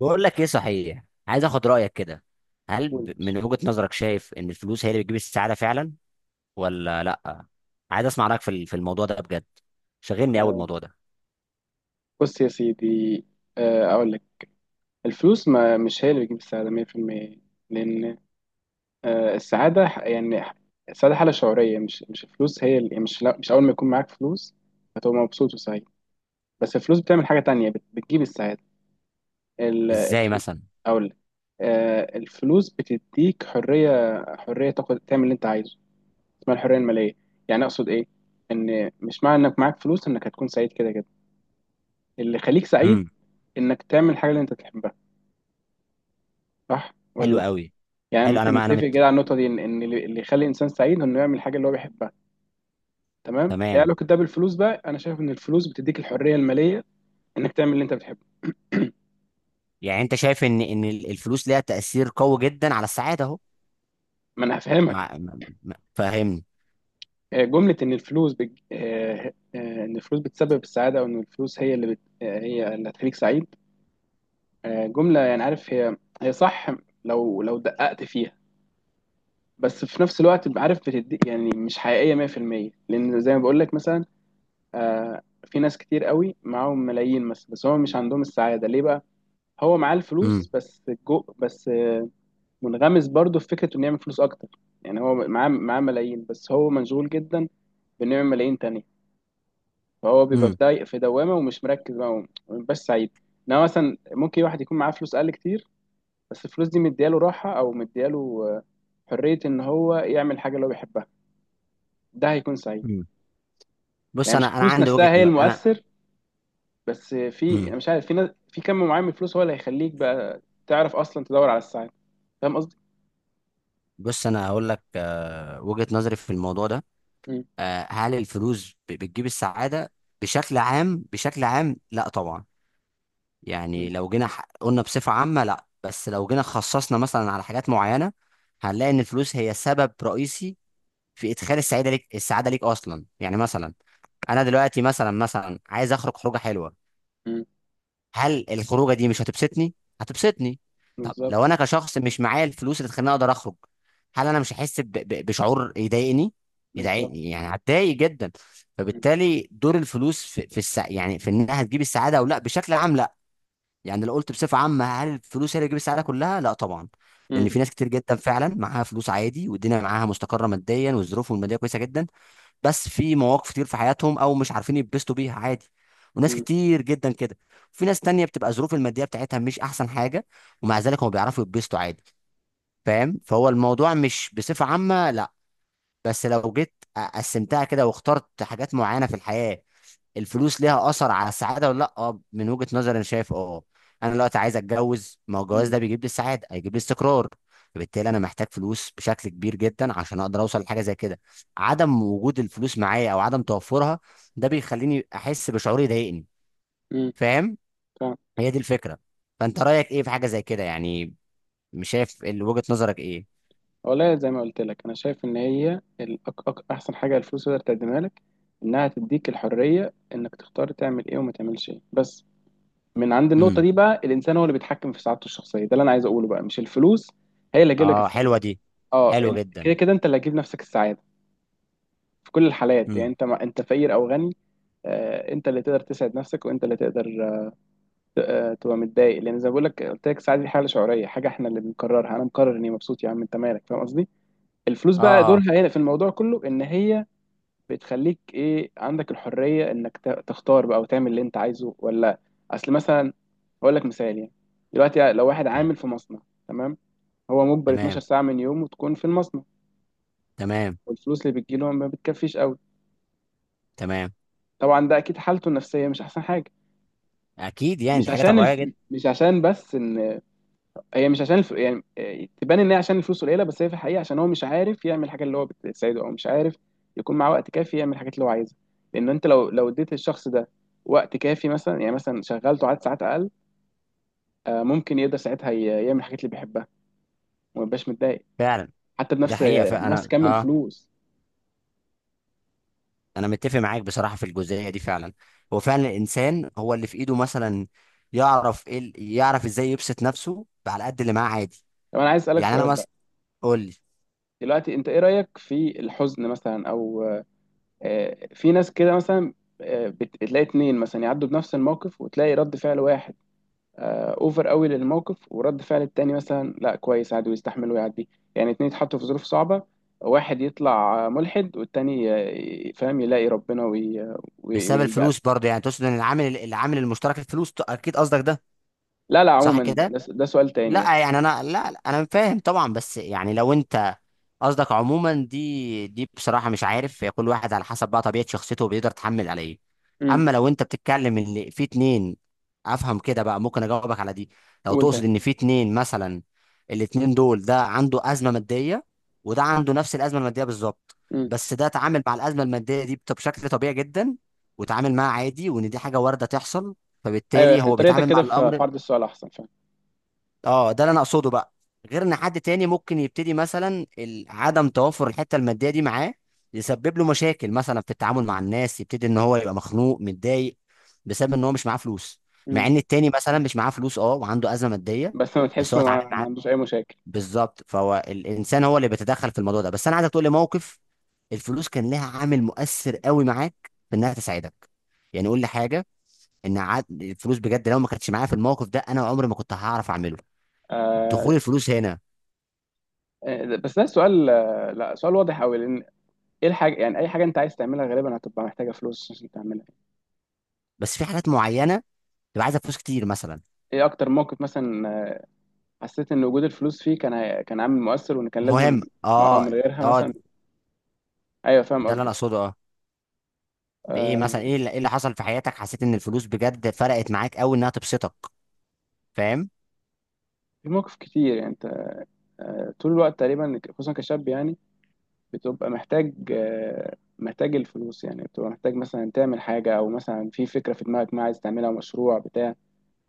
بقول لك ايه، صحيح عايز اخد رايك كده. هل قول. من وجهة نظرك شايف ان الفلوس هي اللي بتجيب السعاده فعلا ولا لا؟ عايز اسمع رايك في الموضوع ده بجد، شاغلني قوي آه، الموضوع ده. بص يا سيدي. أقول لك، الفلوس ما مش هي اللي بتجيب السعادة 100%، لأن السعادة السعادة حالة شعورية. مش الفلوس هي اللي مش أول ما يكون معاك فلوس هتبقى مبسوط وسعيد. بس الفلوس بتعمل حاجة تانية، بتجيب السعادة. ال- ازاي الف... مثلا؟ أقول لك، الفلوس بتديك حرية، حرية تاخد تعمل اللي أنت عايزه. اسمها الحرية المالية. يعني أقصد إيه؟ إن مش معنى إنك معاك فلوس إنك هتكون سعيد كده كده. اللي يخليك سعيد امم. إنك تعمل الحاجة اللي أنت تحبها، صح حلو ولا؟ قوي. يعني حلو، انا ممكن ما انا نتفق كده على النقطة دي، إن اللي يخلي الإنسان سعيد إنه يعمل الحاجة اللي هو بيحبها. تمام؟ إيه تمام. علاقة ده بالفلوس بقى؟ أنا شايف إن الفلوس بتديك الحرية المالية إنك تعمل اللي أنت بتحبه. يعني انت شايف ان الفلوس ليها تاثير قوي جدا على السعاده اهو. ما أنا هفهمك. فاهمني. جملة إن الفلوس بج... آه، آه، إن الفلوس بتسبب السعادة، أو إن الفلوس هي اللي بت... آه، هي اللي هتخليك سعيد، جملة، يعني عارف، هي صح لو دققت فيها. بس في نفس الوقت عارف، بتدي يعني مش حقيقية 100%، لأن زي ما بقول لك. مثلا في ناس كتير قوي معاهم ملايين، بس هم مش عندهم السعادة. ليه بقى؟ هو معاه امم. الفلوس، بس جو بس آه منغمس برضه في فكرة انه يعمل فلوس اكتر. يعني هو معاه ملايين، بس هو مشغول جدا بانه يعمل ملايين تانية. فهو بيبقى امم. في دوامة ومش مركز بقى، بس سعيد. انما مثلا ممكن واحد يكون معاه فلوس اقل كتير، بس الفلوس دي مدياله راحة، او مدياله حرية إن هو يعمل حاجة اللي هو بيحبها. ده هيكون سعيد. امم. بص، يعني مش انا الفلوس عندي وجهة نفسها هي انا. المؤثر، بس في، امم. انا مش عارف، في ناس في كم معين من الفلوس هو اللي هيخليك بقى تعرف اصلا تدور على السعادة. فاهم قصدي؟ بص، انا هقول لك وجهة نظري في الموضوع ده. مم. هل الفلوس بتجيب السعادة بشكل عام؟ بشكل عام لا طبعا. يعني مم. لو جينا قلنا بصفة عامة لا، بس لو جينا خصصنا مثلا على حاجات معينة هنلاقي ان الفلوس هي سبب رئيسي في ادخال السعادة ليك، السعادة ليك اصلا. يعني مثلا انا دلوقتي مثلا عايز اخرج خروجة حلوة، مم. هل الخروجه دي مش هتبسطني؟ هتبسطني. طب بالظبط. لو انا كشخص مش معايا الفلوس اللي تخليني اقدر اخرج، هل انا مش هحس بشعور يضايقني؟ بالظبط. يضايقني، يعني هتضايق جدا. مم. فبالتالي دور الفلوس في يعني في انها هتجيب السعاده او لا بشكل عام لا. يعني لو قلت بصفه عامه هل الفلوس هي اللي تجيب السعاده كلها؟ لا طبعا. مم. لان في ناس كتير جدا فعلا معاها فلوس عادي والدنيا معاها مستقره ماديا والظروف الماديه كويسه جدا، بس في مواقف كتير في حياتهم او مش عارفين يتبسطوا بيها عادي، وناس مم. كتير جدا كده. وفي ناس تانية بتبقى ظروف المادية بتاعتها مش احسن حاجة ومع ذلك هم بيعرفوا يتبسطوا عادي، فاهم؟ فهو الموضوع مش بصفة عامة لا، بس لو جيت قسمتها كده واخترت حاجات معينة في الحياة الفلوس ليها اثر على السعاده ولا لا، اه، من وجهه نظري انا شايف، اه، انا دلوقتي عايز اتجوز، ما هو الجواز مم. ده بيجيب لي السعاده، هيجيب لي استقرار. فبالتالي انا محتاج فلوس بشكل كبير جدا عشان اقدر اوصل لحاجه زي كده. عدم وجود الفلوس معايا او عدم توفرها ده بيخليني احس بشعور يضايقني، مم. فاهم؟ فاهم. هي دي الفكره. فانت رايك ايه في حاجه زي كده يعني؟ مش شايف وجهه نظرك ايه؟ والله زي ما قلت لك، انا شايف ان هي احسن حاجة الفلوس تقدر تقدمها لك، انها تديك الحرية انك تختار تعمل ايه وما تعملش ايه، بس من عند النقطة امم. دي بقى الانسان هو اللي بيتحكم في سعادته الشخصية. ده اللي انا عايز اقوله بقى، مش الفلوس هي اللي هتجيب لك اه، السعادة. حلوه دي. اه، حلوه كده جدا. كده انت اللي هتجيب نفسك السعادة في كل الحالات، يعني امم. انت ما انت فقير او غني. انت اللي تقدر تسعد نفسك، وانت اللي تقدر تبقى متضايق، لان زي ما بقول لك، قلت لك السعاده دي حاله شعوريه، حاجه احنا اللي بنقررها. انا مقرر اني مبسوط، يا عم انت مالك، فاهم قصدي؟ الفلوس بقى اه. اه. دورها هنا في الموضوع كله ان هي بتخليك ايه، عندك الحريه انك تختار بقى وتعمل اللي انت عايزه ولا. اصل مثلا، اقول لك مثال يعني. دلوقتي لو واحد حلو. عامل في مصنع، تمام، هو مجبر 12 تمام. ساعه من يومه تكون في المصنع، تمام. والفلوس اللي بتجيله ما بتكفيش قوي. تمام. طبعا ده اكيد حالته النفسيه مش احسن حاجه. اكيد، يعني مش دي حاجه عشان طبيعيه الف... جدا. مش عشان بس ان مش عشان الف... يعني آه، تبان ان هي عشان الفلوس قليله، بس هي في الحقيقه عشان هو مش عارف يعمل الحاجه اللي هو بتساعده، او مش عارف يكون معاه وقت كافي يعمل الحاجات اللي هو عايزها. لان انت لو اديت الشخص ده وقت كافي، مثلا يعني مثلا شغلته عدد ساعات اقل، ممكن يقدر ساعتها يعمل الحاجات اللي بيحبها وما يبقاش متضايق، فعلا. حتى ده حقيقة، بنفس فأنا كم اه الفلوس. أنا متفق معاك بصراحة في الجزئية دي فعلا. هو فعلا الإنسان هو اللي في إيده مثلا، يعرف إزاي يبسط نفسه على قد اللي معاه عادي. طب انا عايز اسالك يعني أنا سؤال مثلا. بقى. قول لي. دلوقتي انت ايه رايك في الحزن مثلا، او في ناس كده مثلا، بتلاقي اتنين مثلا يعدوا بنفس الموقف، وتلاقي رد فعل واحد اوفر قوي للموقف، ورد فعل التاني مثلا لا، كويس، عادي ويستحمل ويعدي. يعني اتنين يتحطوا في ظروف صعبة، واحد يطلع ملحد، والتاني فاهم، يلاقي ربنا بسبب ويلجأ له. الفلوس برضه، يعني تقصد إن العامل المشترك الفلوس، أكيد قصدك ده؟ لا لا، صح عموما كده؟ ده سؤال تاني يعني. لا يعني انا، لا، لا، انا فاهم طبعا بس يعني لو انت قصدك عموما، دي بصراحه مش عارف، هي كل واحد على حسب بقى طبيعه شخصيته بيقدر يتحمل عليه. امم. اما لو انت بتتكلم ان في اتنين، افهم كده بقى ممكن اجاوبك على دي. لو قول تاني. تقصد ان في اتنين مثلا، الاتنين دول ده عنده ازمه ماديه وده عنده نفس الازمه الماديه بالظبط، امم. بس ده اتعامل مع الازمه الماديه دي بشكل طبيعي جدا وتعامل معاها عادي، وان دي حاجه وارده تحصل، ايوه، فبالتالي يعني هو طريقتك بيتعامل مع كده في الامر. عرض السؤال احسن، فاهم. اه، ده اللي انا اقصده بقى. غير ان حد تاني ممكن يبتدي مثلا عدم توافر الحته الماديه دي معاه يسبب له مشاكل مثلا في التعامل مع الناس، يبتدي ان هو يبقى مخنوق متضايق بسبب ان هو مش معاه فلوس، مع امم. ان التاني مثلا مش معاه فلوس اه وعنده ازمه ماديه بس ما بس تحسه هو اتعامل ما معاه. عندوش اي مشاكل. بالظبط، فهو الانسان هو اللي بيتدخل في الموضوع ده، بس انا عايزك تقول لي موقف الفلوس كان لها عامل مؤثر قوي معاك في انها تساعدك. يعني قول لي حاجه ان عاد الفلوس بجد لو ما كانتش معايا في الموقف ده انا عمري ما كنت هعرف اعمله. آه... دخول الفلوس هنا. بس ده سؤال، لا، سؤال واضح قوي. ايه الحاجة، يعني اي حاجة انت عايز تعملها غالبا هتبقى محتاجة فلوس عشان تعملها. بس في حاجات معينه تبقى عايزه فلوس كتير مثلا ايه اكتر موقف مثلا حسيت ان وجود الفلوس فيه كان كان عامل مؤثر، وان كان مهم، لازم؟ اه، اه. من غيرها اه، مثلا. ايوه، فاهم ده اللي انا قصدك. اقصده، اه. في ايه آه مثلا، إيه اللي حصل في حياتك حسيت ان الفلوس بجد فرقت معاك قوي انها تبسطك؟ فاهم؟ في مواقف كتير يعني. انت آه، طول الوقت تقريبا خصوصا كشاب يعني بتبقى محتاج، آه، محتاج الفلوس. يعني بتبقى محتاج مثلا تعمل حاجة، او مثلا في فكرة في دماغك ما عايز تعملها، مشروع بتاع.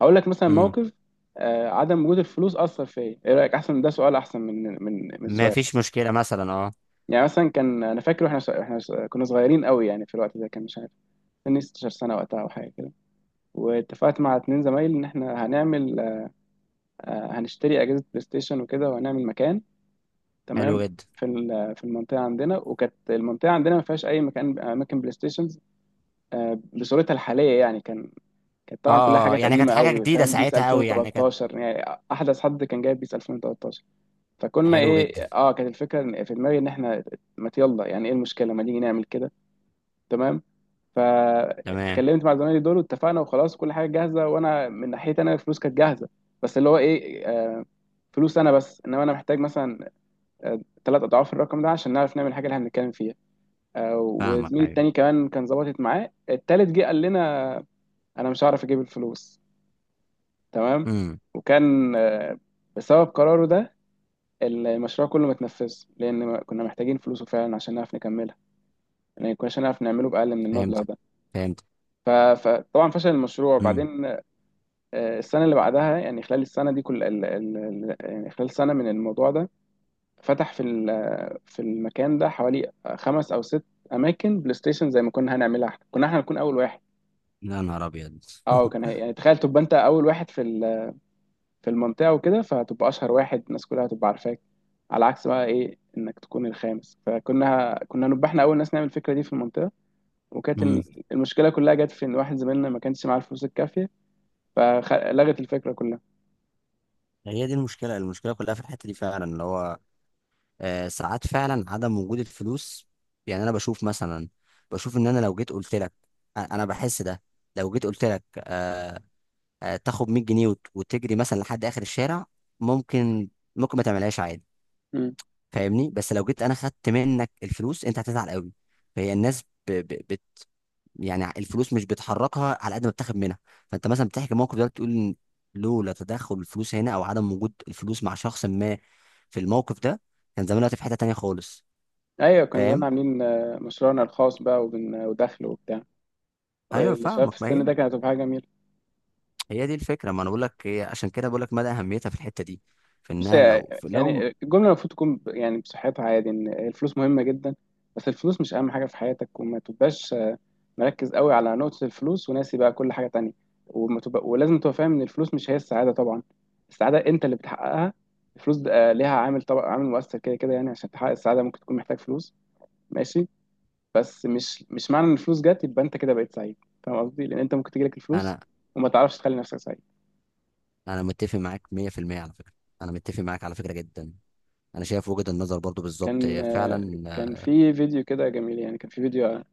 هقول لك مثلا امم. موقف، عدم وجود الفلوس اثر فيا. ايه رايك احسن؟ ده سؤال احسن من ما سؤال. فيش مشكله مثلا، اه. يعني مثلا، كان انا فاكر، واحنا كنا صغيرين قوي يعني، في الوقت ده كان مش عارف، سني 16 سنه وقتها، او حاجه كده. واتفقت مع اتنين زمايلي ان احنا هنعمل هنشتري اجهزه بلاي ستيشن وكده، وهنعمل مكان، حلو تمام، جدا. في المنطقه عندنا. وكانت المنطقه عندنا ما فيهاش اي مكان، اماكن بلاي ستيشنز بصورتها الحاليه يعني. كان، كانت اه. طبعا كلها اه. آه. حاجات يعني كانت قديمه حاجه قوي، جديده فاهم، بيس ساعتها قوي، يعني كانت. 2013 يعني، احدث حد كان جايب بيس 2013. فكنا حلو ايه، جدا. اه، كانت الفكره في دماغي ان احنا ما يلا يعني، ايه المشكله، ما نيجي نعمل كده، تمام. تمام. فاتكلمت مع زمايلي دول واتفقنا، وخلاص كل حاجه جاهزه، وانا من ناحيتي انا الفلوس كانت جاهزه. بس اللي هو ايه، فلوس انا بس، انما انا محتاج مثلا ثلاث اضعاف الرقم ده عشان نعرف نعمل الحاجه اللي هنتكلم فيها. فاهمك، وزميلي التاني ايوه. كمان كان ظبطت معاه، التالت جه قال لنا انا مش هعرف اجيب الفلوس، تمام. امم. وكان بسبب قراره ده المشروع كله ما اتنفذش لان كنا محتاجين فلوسه فعلا عشان نعرف نكملها. يعني كناش هنعرف نعمله باقل من المبلغ فهمت. ده. فهمت. ف- فطبعا فشل المشروع امم. بعدين. السنة اللي بعدها يعني، خلال السنة دي، كل ال... ال... ال... يعني خلال سنة من الموضوع ده فتح في المكان ده حوالي خمس أو ست أماكن بلاي ستيشن، زي ما كنا هنعملها احنا. كنا احنا نكون أول واحد. يا نهار ابيض. اه، يعني تخيل تبقى أنت أول واحد في المنطقة وكده، فتبقى أشهر واحد، الناس كلها تبقى عارفاك، على عكس بقى إيه إنك تكون الخامس. فكنا، نبقى احنا أول ناس نعمل الفكرة دي في المنطقة. وكانت امم. المشكلة كلها جت في إن واحد زميلنا ما كانش معاه الفلوس الكافية، فلغت الفكرة كلها. هي دي المشكله كلها في الحته دي فعلا اللي هو، ساعات فعلا عدم وجود الفلوس، يعني انا بشوف مثلا، بشوف ان انا لو جيت قلت لك، أنا بحس ده، لو جيت قلت لك تاخد 100 جنيه وتجري مثلا لحد اخر الشارع، ممكن ممكن ما تعملهاش عادي، فاهمني؟ بس لو جيت انا خدت منك الفلوس انت هتزعل قوي. فهي الناس ب... ب... بت... يعني الفلوس مش بتحركها على قد ما بتاخد منها. فانت مثلا بتحكي موقف ده، بتقول إن لولا تدخل الفلوس هنا او عدم وجود الفلوس مع شخص ما في الموقف ده كان زمان دلوقتي في حته تانيه خالص، ايوه، كنا زمان فاهم؟ عاملين مشروعنا الخاص بقى، ودخل وبتاع. ايوه، اللي شاف فاهمك، ما هي السن ده، كانت هتبقى حاجه جميله. هي دي الفكره، ما انا بقول لك، عشان كده بقول لك مدى اهميتها في الحته دي، في بص انها يا- لو في لو، يعني الجمله المفروض تكون يعني بصحتها عادي، ان الفلوس مهمه جدا، بس الفلوس مش اهم حاجه في حياتك، وما تبقاش مركز قوي على نقطه الفلوس وناسي بقى كل حاجه تانية. وما تبقى، ولازم تبقى فاهم ان الفلوس مش هي السعاده طبعا، السعاده انت اللي بتحققها. الفلوس ده، ليها عامل، طبعا عامل مؤثر كده كده، يعني عشان تحقق السعاده ممكن تكون محتاج فلوس، ماشي. بس مش معنى ان الفلوس جت يبقى انت كده بقيت سعيد، فاهم قصدي؟ لان انت ممكن تجيلك الفلوس انا وما تعرفش تخلي نفسك سعيد. انا متفق معاك 100% على فكره. انا متفق معاك على فكره جدا. انا شايف وجهه النظر برضو بالظبط كان هي فعلا، كان في فيديو كده جميل يعني، كان في فيديو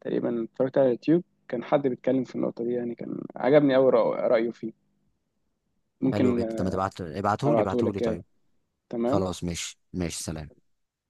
تقريبا اتفرجت على اليوتيوب، كان حد بيتكلم في النقطة دي، يعني كان عجبني أوي رأيه فيه. حلو ممكن جدا. طب ما تبعت، ابعته لي أبعته ابعته لك لي كده، طيب. تمام. خلاص، ماشي ماشي، سلام.